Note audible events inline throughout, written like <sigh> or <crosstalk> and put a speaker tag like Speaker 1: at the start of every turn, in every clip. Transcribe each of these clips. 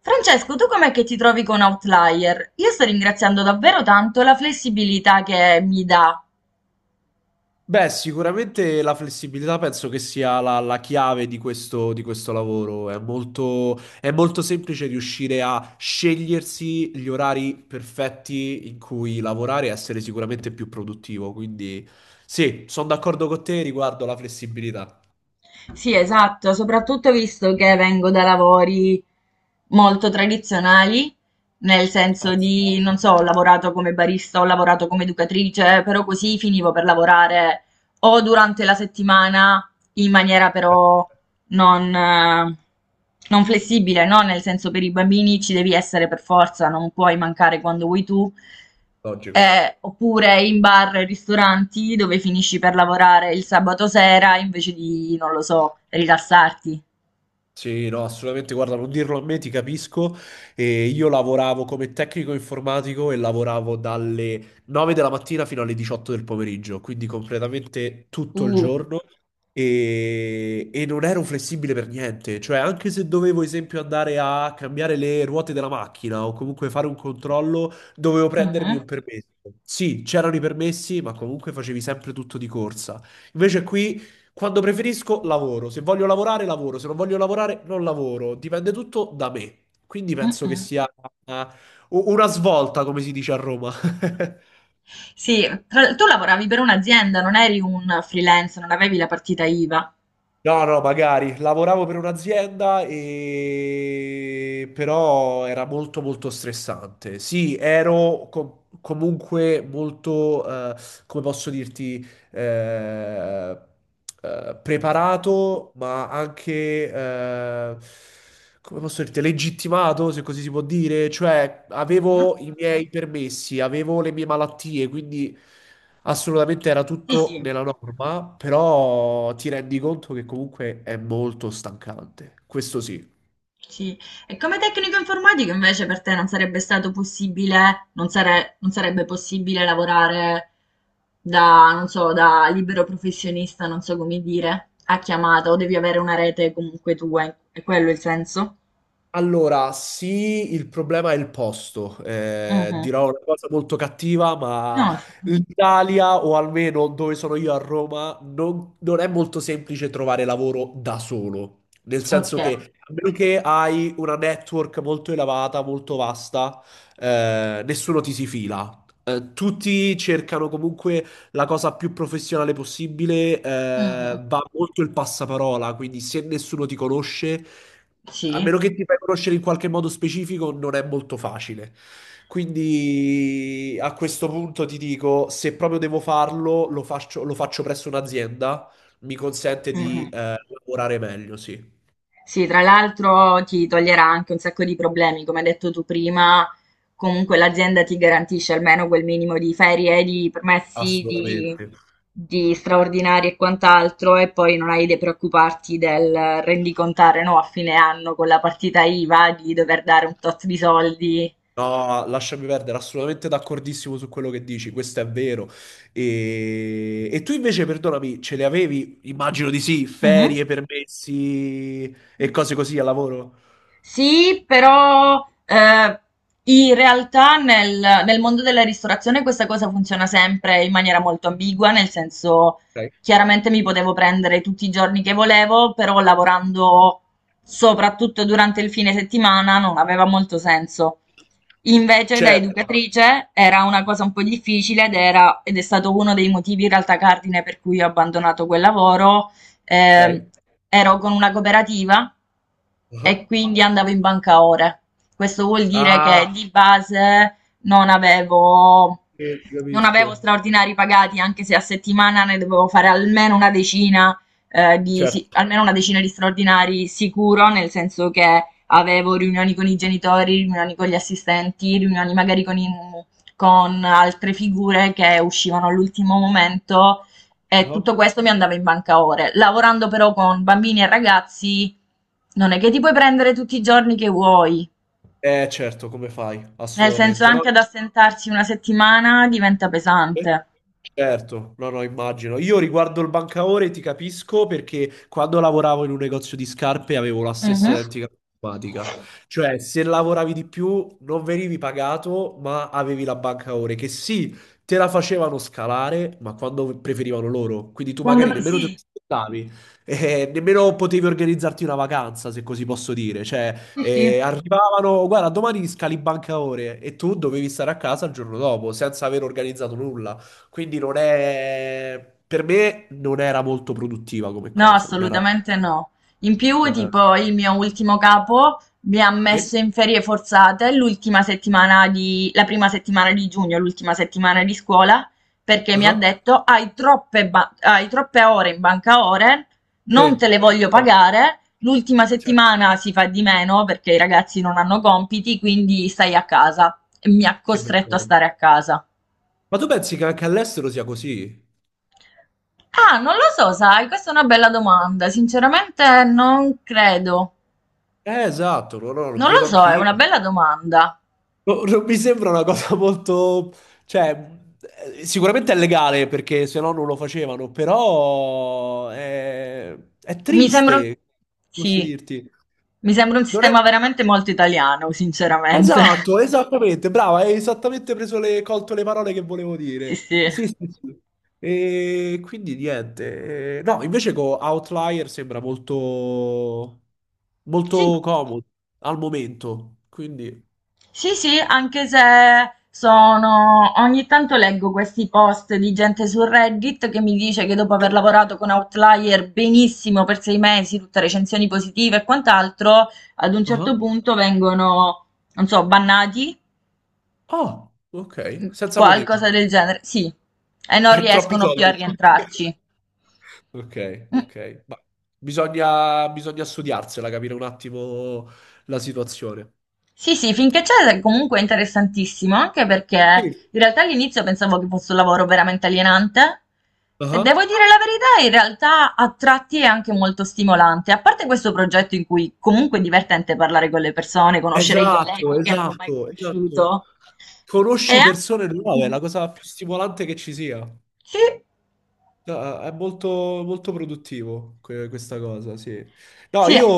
Speaker 1: Francesco, tu com'è che ti trovi con Outlier? Io sto ringraziando davvero tanto la flessibilità che mi dà.
Speaker 2: Beh, sicuramente la flessibilità penso che sia la chiave di questo lavoro. È molto semplice riuscire a scegliersi gli orari perfetti in cui lavorare e essere sicuramente più produttivo. Quindi sì, sono d'accordo con te riguardo la flessibilità.
Speaker 1: Sì, esatto, soprattutto visto che vengo da lavori molto tradizionali, nel senso
Speaker 2: Anzi,
Speaker 1: di, non so, ho lavorato come barista, ho lavorato come educatrice, però così finivo per lavorare o durante la settimana in maniera
Speaker 2: beh,
Speaker 1: però non, eh, non flessibile, no? Nel senso, per i bambini ci devi essere per forza, non puoi mancare quando vuoi tu.
Speaker 2: logico.
Speaker 1: Oppure in bar e ristoranti dove finisci per lavorare il sabato sera invece di, non lo so, rilassarti.
Speaker 2: Sì, no, assolutamente, guarda, non dirlo a me, ti capisco. E io lavoravo come tecnico informatico e lavoravo dalle 9 della mattina fino alle 18 del pomeriggio, quindi completamente tutto il
Speaker 1: Uh.
Speaker 2: giorno e non ero flessibile per niente. Cioè, anche se dovevo, esempio, andare a cambiare le ruote della macchina o comunque fare un controllo, dovevo prendermi
Speaker 1: Mhm,
Speaker 2: un permesso. Sì, c'erano i permessi, ma comunque facevi sempre tutto di corsa. Invece qui... Quando preferisco, lavoro. Se voglio lavorare, lavoro. Se non voglio lavorare, non lavoro. Dipende tutto da me. Quindi penso che
Speaker 1: mhm.
Speaker 2: sia eh, una svolta, come si dice a Roma. <laughs>
Speaker 1: Sì, tu lavoravi per un'azienda, non eri un freelance, non avevi la partita IVA.
Speaker 2: No, no, magari. Lavoravo per un'azienda e però era molto molto stressante. Sì, ero comunque molto, come posso dirti, eh, preparato, ma anche, come posso dirti, legittimato, se così si può dire. Cioè,
Speaker 1: Mhm.
Speaker 2: avevo i miei permessi, avevo le mie malattie, quindi... Assolutamente era
Speaker 1: Sì,
Speaker 2: tutto
Speaker 1: sì.
Speaker 2: nella norma, però ti rendi conto che comunque è molto stancante. Questo sì.
Speaker 1: Sì. E come tecnico informatico invece per te non sarebbe stato possibile, non sarebbe possibile lavorare da, non so, da libero professionista, non so come dire, a chiamata, o devi avere una rete comunque tua, è quello il senso?
Speaker 2: Allora, sì, il problema è il posto.
Speaker 1: Mhm.
Speaker 2: Dirò una cosa molto cattiva, ma
Speaker 1: No,
Speaker 2: l'Italia, o almeno dove sono io a Roma, non è molto semplice trovare lavoro da solo. Nel
Speaker 1: ok.
Speaker 2: senso che, a meno che hai una network molto elevata, molto vasta, nessuno ti si fila. Tutti cercano comunque la cosa più professionale possibile,
Speaker 1: Mhm.
Speaker 2: va molto il passaparola, quindi se nessuno ti conosce, a
Speaker 1: Sì.
Speaker 2: meno che ti fai conoscere in qualche modo specifico, non è molto facile. Quindi a questo punto ti dico, se proprio devo farlo, lo faccio presso un'azienda, mi consente
Speaker 1: Mhm.
Speaker 2: di lavorare meglio, sì,
Speaker 1: Sì, tra l'altro ti toglierà anche un sacco di problemi, come hai detto tu prima, comunque l'azienda ti garantisce almeno quel minimo di ferie, di permessi,
Speaker 2: assolutamente.
Speaker 1: di straordinari e quant'altro, e poi non hai da preoccuparti del rendicontare, no, a fine anno con la partita IVA di dover dare un tot di soldi.
Speaker 2: No, lasciami perdere, assolutamente d'accordissimo su quello che dici, questo è vero. E tu invece, perdonami, ce le avevi? Immagino di sì,
Speaker 1: Mhm.
Speaker 2: ferie, permessi e cose così al lavoro?
Speaker 1: Sì, però in realtà nel mondo della ristorazione questa cosa funziona sempre in maniera molto ambigua, nel senso
Speaker 2: Ok.
Speaker 1: chiaramente mi potevo prendere tutti i giorni che volevo, però lavorando soprattutto durante il fine settimana non aveva molto senso. Invece da
Speaker 2: Certo,
Speaker 1: educatrice era una cosa un po' difficile ed è stato uno dei motivi in realtà cardine per cui ho abbandonato quel lavoro, ehm,
Speaker 2: ok.
Speaker 1: ero con una cooperativa e
Speaker 2: Ah,
Speaker 1: quindi andavo in banca ore. Questo vuol dire che
Speaker 2: ah,
Speaker 1: di base non avevo,
Speaker 2: sì, ti
Speaker 1: non avevo
Speaker 2: capisco.
Speaker 1: straordinari pagati, anche se a settimana ne dovevo fare almeno una decina,
Speaker 2: Certo.
Speaker 1: almeno una decina di straordinari sicuro, nel senso che avevo riunioni con i genitori, riunioni con gli assistenti, riunioni magari con altre figure che uscivano all'ultimo momento, e
Speaker 2: Ah.
Speaker 1: tutto questo mi andava in banca ore. Lavorando però con bambini e ragazzi, non è che ti puoi prendere tutti i giorni che vuoi.
Speaker 2: Certo, come fai?
Speaker 1: Nel senso,
Speaker 2: Assolutamente. No,
Speaker 1: anche ad assentarsi una settimana diventa
Speaker 2: io-
Speaker 1: pesante.
Speaker 2: certo, no, no, immagino. Io riguardo il bancaore ti capisco perché quando lavoravo in un negozio di scarpe avevo la stessa
Speaker 1: Mhm.
Speaker 2: identica problematica. Cioè, se lavoravi di più non venivi pagato, ma avevi la bancaore che sì, te la facevano scalare, ma quando preferivano loro. Quindi tu magari
Speaker 1: Quando...
Speaker 2: nemmeno te lo
Speaker 1: Sì,
Speaker 2: aspettavi, <laughs> nemmeno potevi organizzarti una vacanza, se così posso dire. Cioè,
Speaker 1: sì, sì.
Speaker 2: arrivavano, guarda, domani scali bancaore e tu dovevi stare a casa il giorno dopo senza aver organizzato nulla. Quindi non è... Per me non era molto produttiva come
Speaker 1: No,
Speaker 2: cosa, non era...
Speaker 1: assolutamente no. In più,
Speaker 2: eh,
Speaker 1: tipo, il mio ultimo capo mi ha
Speaker 2: sì?
Speaker 1: messo in ferie forzate la prima settimana di giugno, l'ultima settimana di scuola, perché mi ha
Speaker 2: Ah,
Speaker 1: detto: hai troppe, hai troppe ore in banca ore, non
Speaker 2: sì.
Speaker 1: te le voglio pagare, l'ultima
Speaker 2: Cioè,
Speaker 1: settimana si fa di meno perché i ragazzi non hanno compiti, quindi stai a casa. E mi ha
Speaker 2: che
Speaker 1: costretto a
Speaker 2: vergogna.
Speaker 1: stare a casa.
Speaker 2: Ma tu pensi che anche all'estero sia così?
Speaker 1: Ah, non lo so, sai, questa è una bella domanda. Sinceramente non credo.
Speaker 2: Esatto, no, no, lo
Speaker 1: Non lo
Speaker 2: credo
Speaker 1: so, è
Speaker 2: anch'io.
Speaker 1: una bella domanda.
Speaker 2: No, non mi sembra una cosa molto... Cioè, sicuramente è legale perché se no non lo facevano, però è
Speaker 1: Mi sembra un...
Speaker 2: triste, posso
Speaker 1: Sì,
Speaker 2: dirti.
Speaker 1: mi sembra un
Speaker 2: Non è...
Speaker 1: sistema veramente molto italiano, sinceramente. <laughs>
Speaker 2: Esatto, esattamente, brava, hai esattamente preso colto le parole che volevo
Speaker 1: Sì,
Speaker 2: dire.
Speaker 1: sì.
Speaker 2: Sì, sì, sì. E quindi niente. No, invece con Outlier sembra molto,
Speaker 1: Sì,
Speaker 2: molto comodo al momento, quindi...
Speaker 1: sì, sì, anche se sono... Ogni tanto leggo questi post di gente su Reddit che mi dice che dopo
Speaker 2: Sì.
Speaker 1: aver lavorato con Outlier benissimo per sei mesi, tutte recensioni positive e quant'altro, ad un certo
Speaker 2: Ah,
Speaker 1: punto vengono, non so, bannati,
Speaker 2: ah, ok, senza motivo.
Speaker 1: qualcosa del genere. Sì, e non
Speaker 2: <laughs> Troppi
Speaker 1: riescono più a
Speaker 2: soldi. <laughs>
Speaker 1: rientrarci.
Speaker 2: Ok,
Speaker 1: Mm.
Speaker 2: ok. Ma bisogna studiarsela, capire un attimo la situazione.
Speaker 1: Sì, sì, finché c'è comunque è interessantissimo, anche perché
Speaker 2: Sì.
Speaker 1: in realtà all'inizio pensavo che fosse un lavoro veramente alienante e devo
Speaker 2: Ah.
Speaker 1: dire la verità, in realtà a tratti è anche molto stimolante, a parte questo progetto in cui comunque è divertente parlare con le persone, conoscere i
Speaker 2: Esatto,
Speaker 1: colleghi che non ho mai
Speaker 2: esatto, esatto.
Speaker 1: conosciuto. E
Speaker 2: Conosci
Speaker 1: anche...
Speaker 2: persone nuove, è
Speaker 1: Mhm.
Speaker 2: la cosa più stimolante che ci sia.
Speaker 1: Sì,
Speaker 2: No, è molto, molto produttivo questa cosa, sì. No,
Speaker 1: sì.
Speaker 2: io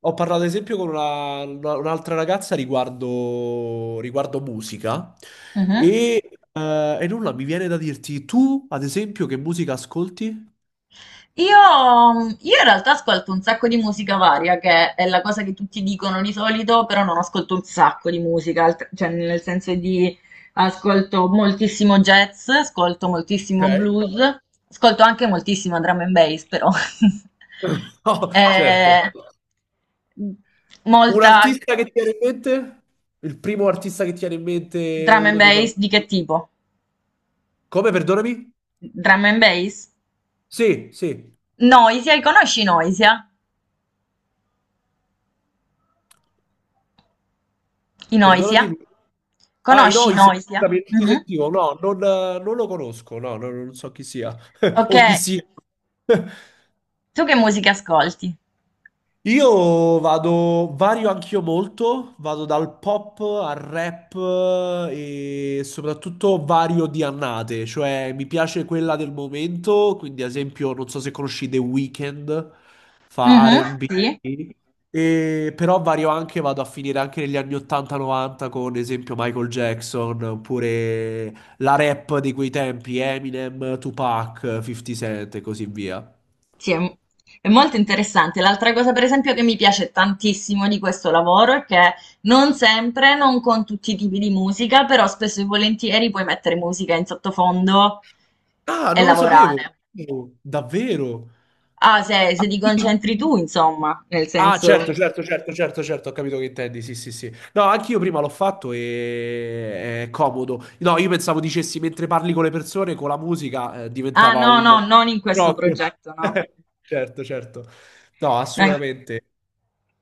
Speaker 2: ho parlato ad esempio con un'altra ragazza riguardo, riguardo musica
Speaker 1: Mhm.
Speaker 2: e, e nulla, mi viene da dirti tu, ad esempio, che musica ascolti?
Speaker 1: Io, io in realtà ascolto un sacco di musica varia, che è la cosa che tutti dicono di solito, però non ascolto un sacco di musica, cioè nel senso di ascolto moltissimo jazz, ascolto moltissimo
Speaker 2: Ok.
Speaker 1: blues, ascolto anche moltissima drum and bass, però. <laughs>
Speaker 2: <laughs> No, certo.
Speaker 1: Eh,
Speaker 2: Un
Speaker 1: molta
Speaker 2: artista che ti viene in mente? Il primo artista che ti viene in mente,
Speaker 1: drum and
Speaker 2: uno dei tuoi
Speaker 1: bass di che
Speaker 2: amici.
Speaker 1: tipo?
Speaker 2: Come, perdonami?
Speaker 1: Drum and bass?
Speaker 2: Sì, sì,
Speaker 1: Noisia, conosci Noisia? I Noisia?
Speaker 2: perdonami. Lui. Ah, i
Speaker 1: Conosci
Speaker 2: Noisia,
Speaker 1: Noisia?
Speaker 2: scusami, non ti
Speaker 1: Mhm.
Speaker 2: sentivo. No, non lo conosco, no, no, non so chi sia. <laughs> O chi
Speaker 1: Okay,
Speaker 2: sia. <laughs>
Speaker 1: tu che musica ascolti?
Speaker 2: Io vado, vario anch'io molto, vado dal pop al rap e soprattutto vario di annate, cioè mi piace quella del momento, quindi ad esempio non so se conosci The Weeknd, fa
Speaker 1: Mh-mh,
Speaker 2: R&B,
Speaker 1: sì,
Speaker 2: e, B, però vario anche, vado a finire anche negli anni 80-90 con ad esempio Michael Jackson, oppure la rap di quei tempi, Eminem, Tupac, 50 Cent e così via.
Speaker 1: sì, è molto interessante. L'altra cosa per esempio che mi piace tantissimo di questo lavoro è che non sempre, non con tutti i tipi di musica, però spesso e volentieri puoi mettere musica in sottofondo
Speaker 2: Ah,
Speaker 1: e
Speaker 2: non lo sapevo!
Speaker 1: lavorare.
Speaker 2: Oh, davvero?
Speaker 1: Ah,
Speaker 2: Ah,
Speaker 1: se ti
Speaker 2: quindi-
Speaker 1: concentri tu, insomma, nel
Speaker 2: ah,
Speaker 1: senso...
Speaker 2: certo, certo, certo, certo, certo, ho capito che intendi, sì, sì, sì. No, anch'io prima l'ho fatto e è comodo. No, io pensavo dicessi mentre parli con le persone, con la musica,
Speaker 1: Ah,
Speaker 2: diventava
Speaker 1: no,
Speaker 2: un...
Speaker 1: no, non in questo
Speaker 2: No,
Speaker 1: progetto, no.
Speaker 2: <laughs> certo, certo. No,
Speaker 1: No, in...
Speaker 2: assolutamente.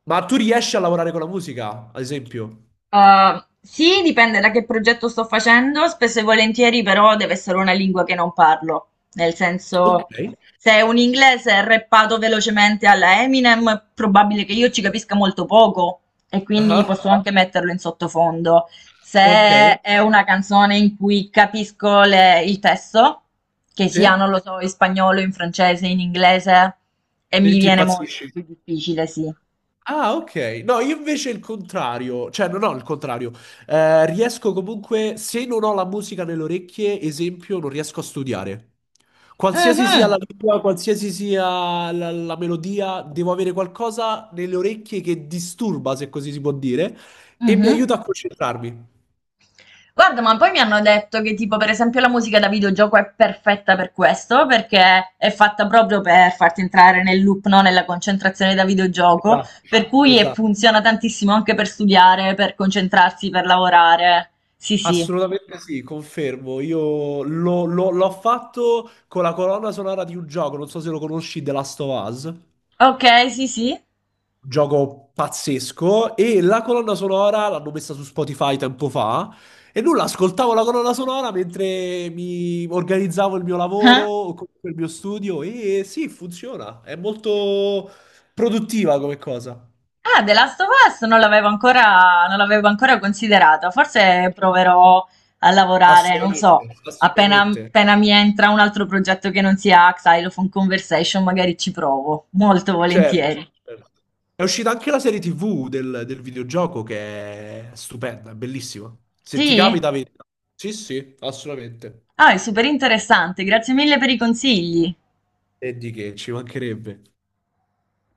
Speaker 2: Ma tu riesci a lavorare con la musica, ad esempio?
Speaker 1: Sì, dipende da che progetto sto facendo, spesso e volentieri però deve essere una lingua che non parlo, nel
Speaker 2: Ok.
Speaker 1: senso, se è un inglese rappato velocemente alla Eminem è probabile che io ci capisca molto poco e quindi
Speaker 2: Ah,
Speaker 1: posso anche metterlo in sottofondo.
Speaker 2: ok.
Speaker 1: Se è una canzone in cui capisco il testo, che sia,
Speaker 2: Sì?
Speaker 1: non lo so, in spagnolo, in francese, in inglese, e
Speaker 2: Sì,
Speaker 1: mi
Speaker 2: ti
Speaker 1: viene molto
Speaker 2: impazzisci?
Speaker 1: più difficile, sì.
Speaker 2: Ah, ok. No, io invece il contrario, cioè non ho il contrario. Riesco comunque, se non ho la musica nelle orecchie, esempio, non riesco a studiare. Qualsiasi sia la
Speaker 1: Mhm,
Speaker 2: lingua, qualsiasi sia la melodia, devo avere qualcosa nelle orecchie che disturba, se così si può dire, e mi
Speaker 1: mhm.
Speaker 2: aiuta a concentrarmi.
Speaker 1: Guarda, ma poi mi hanno detto che tipo per esempio la musica da videogioco è perfetta per questo, perché è fatta proprio per farti entrare nel loop, no? Nella concentrazione da videogioco,
Speaker 2: Esatto,
Speaker 1: per cui e
Speaker 2: esatto.
Speaker 1: funziona tantissimo anche per studiare, per concentrarsi, per lavorare. Sì, sì.
Speaker 2: Assolutamente sì, confermo. Io l'ho fatto con la colonna sonora di un gioco, non so se lo conosci, The Last of Us.
Speaker 1: Ok, sì, sì.
Speaker 2: Gioco pazzesco e la colonna sonora l'hanno messa su Spotify tempo fa e nulla, ascoltavo la colonna sonora mentre mi organizzavo il mio lavoro
Speaker 1: Eh?
Speaker 2: o comunque il mio studio e sì, funziona, è molto produttiva come cosa.
Speaker 1: Ah, The Last of Us non l'avevo ancora, non l'avevo ancora considerato. Forse proverò a lavorare, non so,
Speaker 2: Assolutamente, assolutamente.
Speaker 1: appena mi entra un altro progetto che non sia Xylophone Conversation, magari ci provo, molto
Speaker 2: Certo,
Speaker 1: volentieri.
Speaker 2: certo. È uscita anche la serie TV del, del videogioco che è stupenda, è bellissima. Se ti
Speaker 1: Sì?
Speaker 2: capita, vedi. Sì, sì, assolutamente.
Speaker 1: Ah, è super interessante, grazie mille per i consigli.
Speaker 2: E di che ci mancherebbe.